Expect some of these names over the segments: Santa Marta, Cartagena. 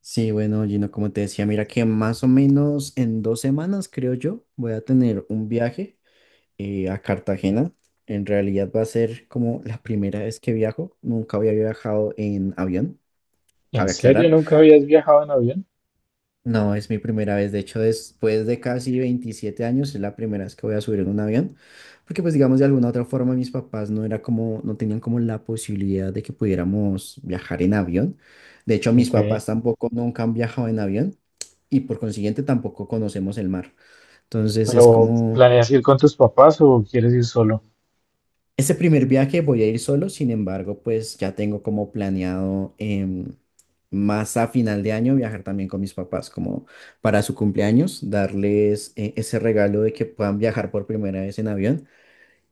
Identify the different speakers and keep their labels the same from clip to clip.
Speaker 1: Sí, bueno, Gino, como te decía, mira que más o menos en 2 semanas, creo yo, voy a tener un viaje a Cartagena. En realidad va a ser como la primera vez que viajo. Nunca había viajado en avión,
Speaker 2: ¿En
Speaker 1: cabe
Speaker 2: serio
Speaker 1: aclarar.
Speaker 2: nunca habías viajado en avión?
Speaker 1: No, es mi primera vez. De hecho, después de casi 27 años, es la primera vez que voy a subir en un avión. Porque, pues, digamos, de alguna u otra forma, mis papás no era como, no tenían como la posibilidad de que pudiéramos viajar en avión. De hecho, mis
Speaker 2: Ok,
Speaker 1: papás tampoco nunca han viajado en avión y por consiguiente tampoco conocemos el mar. Entonces, es
Speaker 2: pero
Speaker 1: como.
Speaker 2: ¿planeas ir con tus papás o quieres ir solo?
Speaker 1: Ese primer viaje voy a ir solo, sin embargo, pues ya tengo como planeado más a final de año viajar también con mis papás, como para su cumpleaños, darles ese regalo de que puedan viajar por primera vez en avión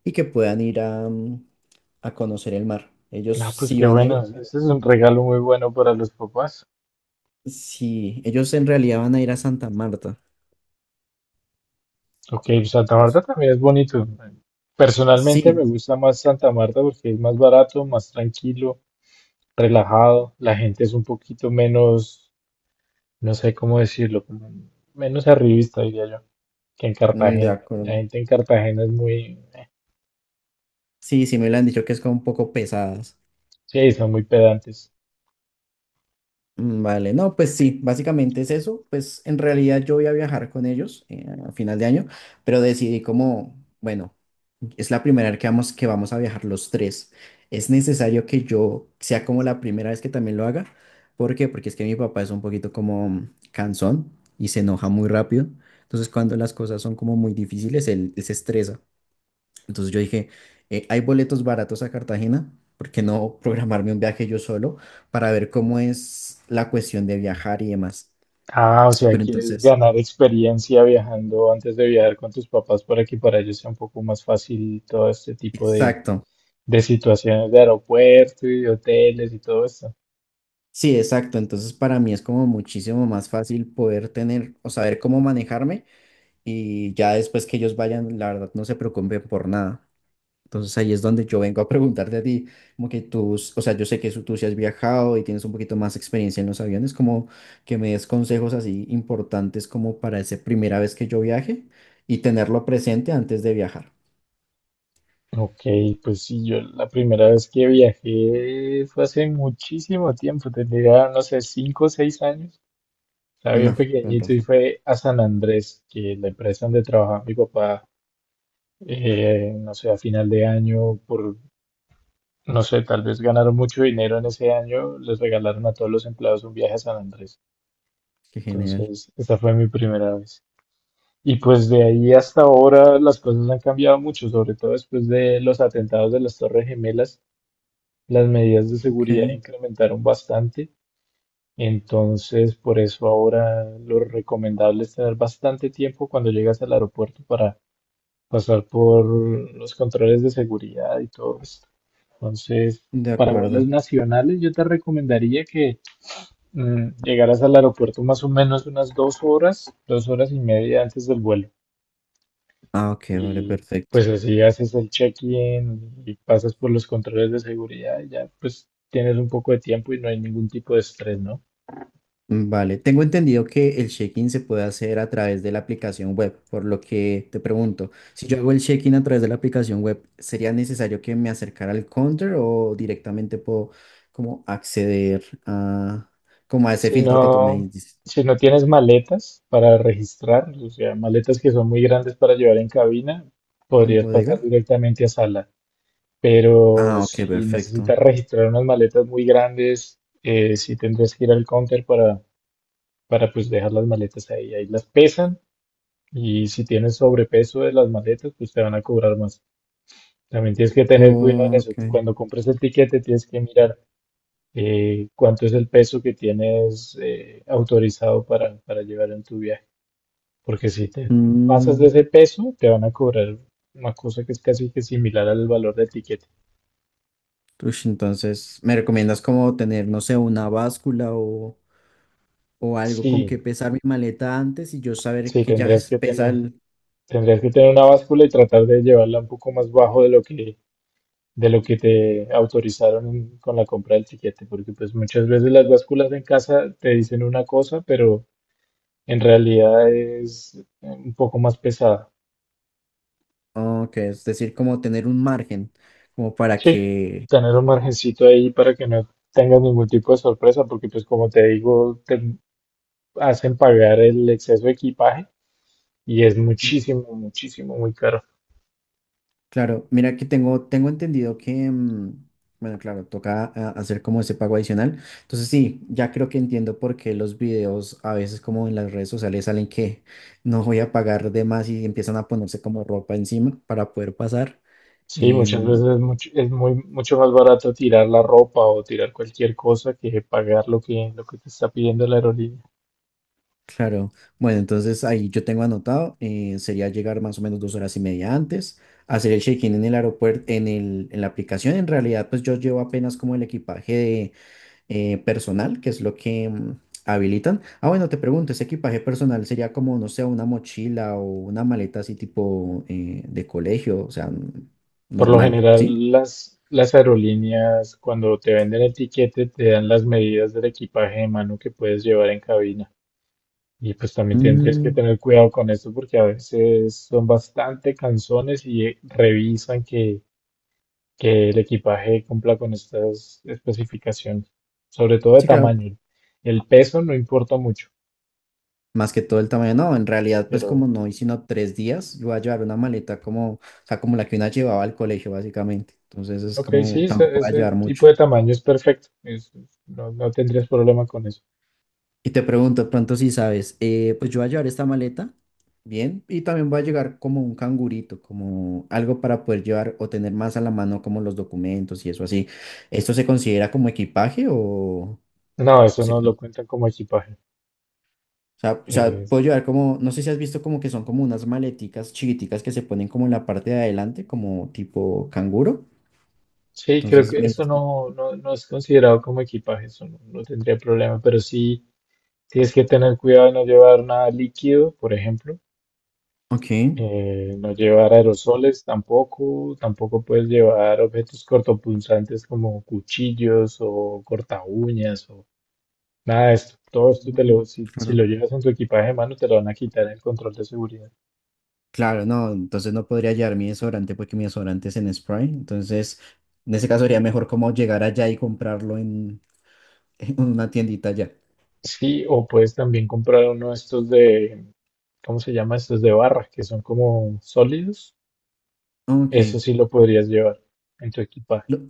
Speaker 1: y que puedan ir a conocer el mar. Ellos
Speaker 2: Ah, pues
Speaker 1: sí
Speaker 2: qué
Speaker 1: van a
Speaker 2: bueno,
Speaker 1: ir, pero
Speaker 2: ese es un regalo muy bueno para los papás.
Speaker 1: sí, ellos en realidad van a ir a Santa Marta.
Speaker 2: Ok, Santa Marta
Speaker 1: Dios.
Speaker 2: también es bonito. Personalmente me
Speaker 1: Sí,
Speaker 2: gusta más Santa Marta porque es más barato, más tranquilo, relajado. La gente es un poquito menos, no sé cómo decirlo, como menos arribista, diría yo, que en
Speaker 1: de
Speaker 2: Cartagena. La
Speaker 1: acuerdo.
Speaker 2: gente en Cartagena es muy,
Speaker 1: Sí, sí me lo han dicho que es como un poco pesadas.
Speaker 2: sí, son muy pedantes.
Speaker 1: Vale, no, pues sí, básicamente es eso. Pues en realidad yo voy a viajar con ellos a final de año, pero decidí como, bueno, es la primera vez que vamos a viajar los tres. Es necesario que yo sea como la primera vez que también lo haga. ¿Por qué? Porque es que mi papá es un poquito como cansón y se enoja muy rápido. Entonces cuando las cosas son como muy difíciles, él se estresa. Entonces yo dije, hay boletos baratos a Cartagena, ¿por qué no programarme un viaje yo solo para ver cómo es la cuestión de viajar y demás?
Speaker 2: Ah, o sea,
Speaker 1: Pero
Speaker 2: quieres
Speaker 1: entonces,
Speaker 2: ganar experiencia viajando antes de viajar con tus papás para que para ellos sea un poco más fácil todo este tipo de,
Speaker 1: exacto,
Speaker 2: de situaciones de aeropuerto y de hoteles y todo esto.
Speaker 1: sí, exacto. Entonces para mí es como muchísimo más fácil poder tener o saber cómo manejarme y ya después que ellos vayan, la verdad, no se preocupen por nada. Entonces ahí es donde yo vengo a preguntarte a ti, como que tú, o sea, yo sé que tú sí has viajado y tienes un poquito más experiencia en los aviones, como que me des consejos así importantes como para esa primera vez que yo viaje y tenerlo presente antes de viajar.
Speaker 2: Ok, pues sí, yo la primera vez que viajé fue hace muchísimo tiempo, tendría, no sé, 5 o 6 años. Estaba bien
Speaker 1: No, con
Speaker 2: pequeñito y
Speaker 1: razón.
Speaker 2: fue a San Andrés, que la empresa donde trabajaba mi papá, no sé, a final de año. Por No sé, tal vez ganaron mucho dinero en ese año, les regalaron a todos los empleados un viaje a San Andrés.
Speaker 1: Qué genial.
Speaker 2: Entonces, esa fue mi primera vez. Y pues de ahí hasta ahora las cosas han cambiado mucho, sobre todo después de los atentados de las Torres Gemelas, las medidas de seguridad
Speaker 1: Ok,
Speaker 2: incrementaron bastante. Entonces, por eso ahora lo recomendable es tener bastante tiempo cuando llegas al aeropuerto para pasar por los controles de seguridad y todo esto. Entonces,
Speaker 1: de
Speaker 2: para
Speaker 1: acuerdo.
Speaker 2: vuelos nacionales, yo te recomendaría que llegaras al aeropuerto más o menos unas 2 horas, 2 horas y media antes del vuelo.
Speaker 1: Ah, ok, vale,
Speaker 2: Y
Speaker 1: perfecto.
Speaker 2: pues así haces el check-in y pasas por los controles de seguridad y ya pues tienes un poco de tiempo y no hay ningún tipo de estrés, ¿no?
Speaker 1: Vale, tengo entendido que el check-in se puede hacer a través de la aplicación web, por lo que te pregunto, si yo hago el check-in a través de la aplicación web, ¿sería necesario que me acercara al counter o directamente puedo como acceder a como a ese
Speaker 2: Si
Speaker 1: filtro que tú me
Speaker 2: no,
Speaker 1: dices
Speaker 2: si no tienes maletas para registrar, o sea, maletas que son muy grandes para llevar en cabina,
Speaker 1: en
Speaker 2: podrías pasar
Speaker 1: bodega?
Speaker 2: directamente a sala. Pero
Speaker 1: Ah, ok,
Speaker 2: si
Speaker 1: perfecto.
Speaker 2: necesitas registrar unas maletas muy grandes, sí tendrías que ir al counter para, pues dejar las maletas ahí. Ahí las pesan y si tienes sobrepeso de las maletas, pues te van a cobrar más. También tienes que tener cuidado en eso.
Speaker 1: Ok.
Speaker 2: Cuando compres el tiquete, tienes que mirar cuánto es el peso que tienes autorizado para, llevar en tu viaje. Porque si te pasas de
Speaker 1: Mm,
Speaker 2: ese peso, te van a cobrar una cosa que es casi que similar al valor del etiqueta.
Speaker 1: ush, entonces, ¿me recomiendas como tener, no sé, una báscula o algo con
Speaker 2: Sí,
Speaker 1: que pesar mi maleta antes y yo saber
Speaker 2: sí,
Speaker 1: que ya
Speaker 2: tendrías que
Speaker 1: pesa?
Speaker 2: tener una báscula y tratar de llevarla un poco más bajo de lo que te autorizaron con la compra del tiquete, porque pues muchas veces las básculas en casa te dicen una cosa, pero en realidad es un poco más pesada.
Speaker 1: Oh, ok, es decir, como tener un margen, como para
Speaker 2: Sí,
Speaker 1: que.
Speaker 2: tener un margencito ahí para que no tengas ningún tipo de sorpresa, porque pues como te digo, te hacen pagar el exceso de equipaje y es
Speaker 1: Mm.
Speaker 2: muchísimo, muchísimo, muy caro.
Speaker 1: Claro, mira que tengo entendido que, bueno, claro, toca hacer como ese pago adicional. Entonces sí, ya creo que entiendo por qué los videos a veces como en las redes sociales salen que no voy a pagar de más y empiezan a ponerse como ropa encima para poder pasar.
Speaker 2: Sí, muchas
Speaker 1: Em,
Speaker 2: veces es mucho, es muy, mucho más barato tirar la ropa o tirar cualquier cosa que pagar lo que, te está pidiendo la aerolínea.
Speaker 1: Claro. Bueno, entonces ahí yo tengo anotado, sería llegar más o menos 2 horas y media antes, hacer el check-in en el aeropuerto, en la aplicación. En realidad, pues yo llevo apenas como el equipaje de, personal, que es lo que habilitan. Ah, bueno, te pregunto, ¿ese equipaje personal sería como, no sé, una mochila o una maleta así tipo de colegio, o sea,
Speaker 2: Por lo
Speaker 1: normal, sí?
Speaker 2: general, las aerolíneas cuando te venden el tiquete te dan las medidas del equipaje de mano que puedes llevar en cabina. Y pues también tendrías que
Speaker 1: Mm,
Speaker 2: tener cuidado con esto porque a veces son bastante cansones y revisan que, el equipaje cumpla con estas especificaciones, sobre todo de
Speaker 1: sí, claro.
Speaker 2: tamaño. El peso no importa mucho,
Speaker 1: Más que todo el tamaño, no, en realidad pues como
Speaker 2: pero
Speaker 1: no hice sino 3 días, yo voy a llevar una maleta como, o sea, como la que una llevaba al colegio básicamente, entonces es
Speaker 2: ok, sí,
Speaker 1: como,
Speaker 2: ese,
Speaker 1: tampoco voy a
Speaker 2: ese
Speaker 1: llevar
Speaker 2: tipo
Speaker 1: mucho.
Speaker 2: de tamaño es perfecto. No tendrías problema con eso.
Speaker 1: Y te pregunto, de pronto si sabes, pues yo voy a llevar esta maleta, bien, y también voy a llegar como un cangurito, como algo para poder llevar o tener más a la mano como los documentos y eso así. ¿Esto se considera como equipaje,
Speaker 2: No,
Speaker 1: o
Speaker 2: eso
Speaker 1: se
Speaker 2: no lo cuentan como equipaje.
Speaker 1: o sea,
Speaker 2: Eh,
Speaker 1: puedo llevar como, no sé si has visto como que son como unas maleticas chiquiticas que se ponen como en la parte de adelante, como tipo canguro?
Speaker 2: sí, creo
Speaker 1: Entonces
Speaker 2: que
Speaker 1: me
Speaker 2: eso
Speaker 1: dices que.
Speaker 2: no, no es considerado como equipaje, eso no tendría problema, pero sí. Tienes que tener cuidado de no llevar nada líquido, por ejemplo.
Speaker 1: Ok.
Speaker 2: No llevar aerosoles tampoco. Tampoco puedes llevar objetos cortopunzantes como cuchillos o cortaúñas o nada de esto. Todo esto
Speaker 1: Mm,
Speaker 2: si
Speaker 1: claro.
Speaker 2: lo llevas en tu equipaje de mano, te lo van a quitar en el control de seguridad.
Speaker 1: Claro, no, entonces no podría llevar mi desodorante porque mi desodorante es en spray. Entonces, en ese caso sería mejor como llegar allá y comprarlo en una tiendita allá.
Speaker 2: Sí, o puedes también comprar uno de estos de, ¿cómo se llama? Estos de barra, que son como sólidos.
Speaker 1: Ok.
Speaker 2: Eso sí lo podrías llevar en tu equipaje.
Speaker 1: Lo-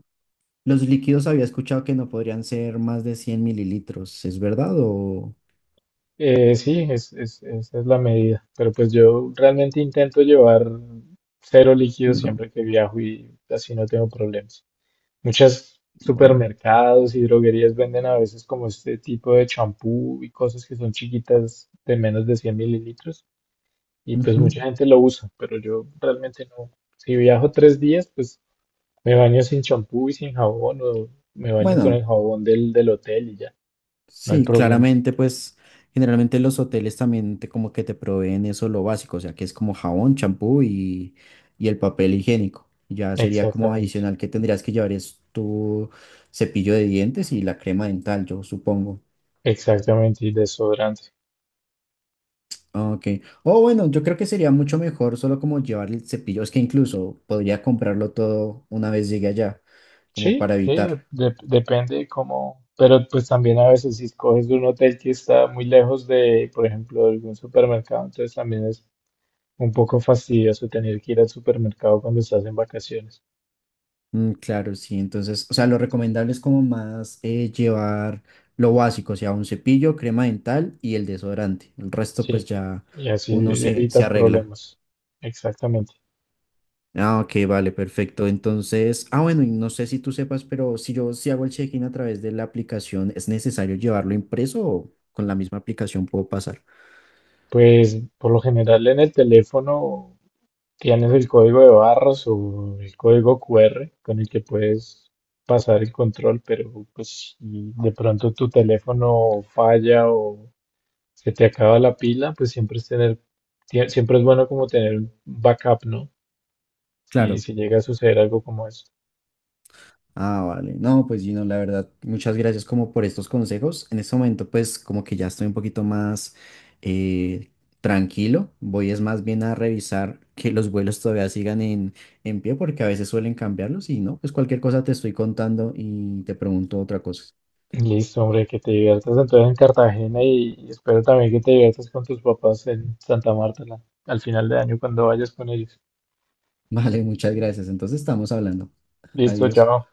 Speaker 1: los líquidos había escuchado que no podrían ser más de 100 mililitros, ¿es verdad o?
Speaker 2: Sí, esa es la medida. Pero pues yo realmente intento llevar cero líquidos
Speaker 1: Mm, no.
Speaker 2: siempre que viajo y así no tengo problemas. Muchas
Speaker 1: Bueno.
Speaker 2: supermercados y droguerías venden a veces como este tipo de champú y cosas que son chiquitas de menos de 100 mililitros y pues
Speaker 1: Ujú.
Speaker 2: mucha gente lo usa, pero yo realmente no. Si viajo 3 días, pues me baño sin champú y sin jabón o me baño con
Speaker 1: Bueno,
Speaker 2: el jabón del hotel y ya, no hay
Speaker 1: sí,
Speaker 2: problema.
Speaker 1: claramente, pues generalmente los hoteles también como que te proveen eso lo básico, o sea, que es como jabón, champú y el papel higiénico. Ya sería como
Speaker 2: Exactamente.
Speaker 1: adicional que tendrías que llevar es tu cepillo de dientes y la crema dental, yo supongo.
Speaker 2: Exactamente, y desodorante.
Speaker 1: Ah, ok. O bueno, yo creo que sería mucho mejor solo como llevar el cepillo, es que incluso podría comprarlo todo una vez llegue allá, como
Speaker 2: Sí,
Speaker 1: para
Speaker 2: sí,
Speaker 1: evitar.
Speaker 2: depende de cómo, pero pues también a veces si escoges de un hotel que está muy lejos de, por ejemplo, de algún supermercado, entonces también es un poco fastidioso tener que ir al supermercado cuando estás en vacaciones.
Speaker 1: Mm, claro, sí. Entonces, o sea, lo recomendable es como más llevar lo básico, o sea, un cepillo, crema dental y el desodorante. El resto, pues
Speaker 2: Sí,
Speaker 1: ya
Speaker 2: y así
Speaker 1: uno se
Speaker 2: evitas
Speaker 1: arregla.
Speaker 2: problemas. Exactamente.
Speaker 1: Ah, ok, vale, perfecto. Entonces, bueno, y no sé si tú sepas, pero si hago el check-in a través de la aplicación, ¿es necesario llevarlo impreso o con la misma aplicación puedo pasar?
Speaker 2: Pues por lo general en el teléfono tienes el código de barras o el código QR con el que puedes pasar el control, pero pues si de pronto tu teléfono falla o se te acaba la pila, pues siempre es bueno como tener un backup, ¿no? Si,
Speaker 1: Claro.
Speaker 2: si llega a suceder algo como eso.
Speaker 1: Ah, vale. No, pues Gino, la verdad, muchas gracias como por estos consejos. En este momento, pues como que ya estoy un poquito más eh, tranquilo. Voy es más bien a revisar que los vuelos todavía sigan en pie porque a veces suelen cambiarlos y no, pues cualquier cosa te estoy contando y te pregunto otra cosa.
Speaker 2: Listo, hombre, que te diviertas entonces en Cartagena y espero también que te diviertas con tus papás en Santa Marta al final de año cuando vayas con ellos.
Speaker 1: Vale, muchas gracias. Entonces estamos hablando.
Speaker 2: Listo,
Speaker 1: Adiós.
Speaker 2: chao.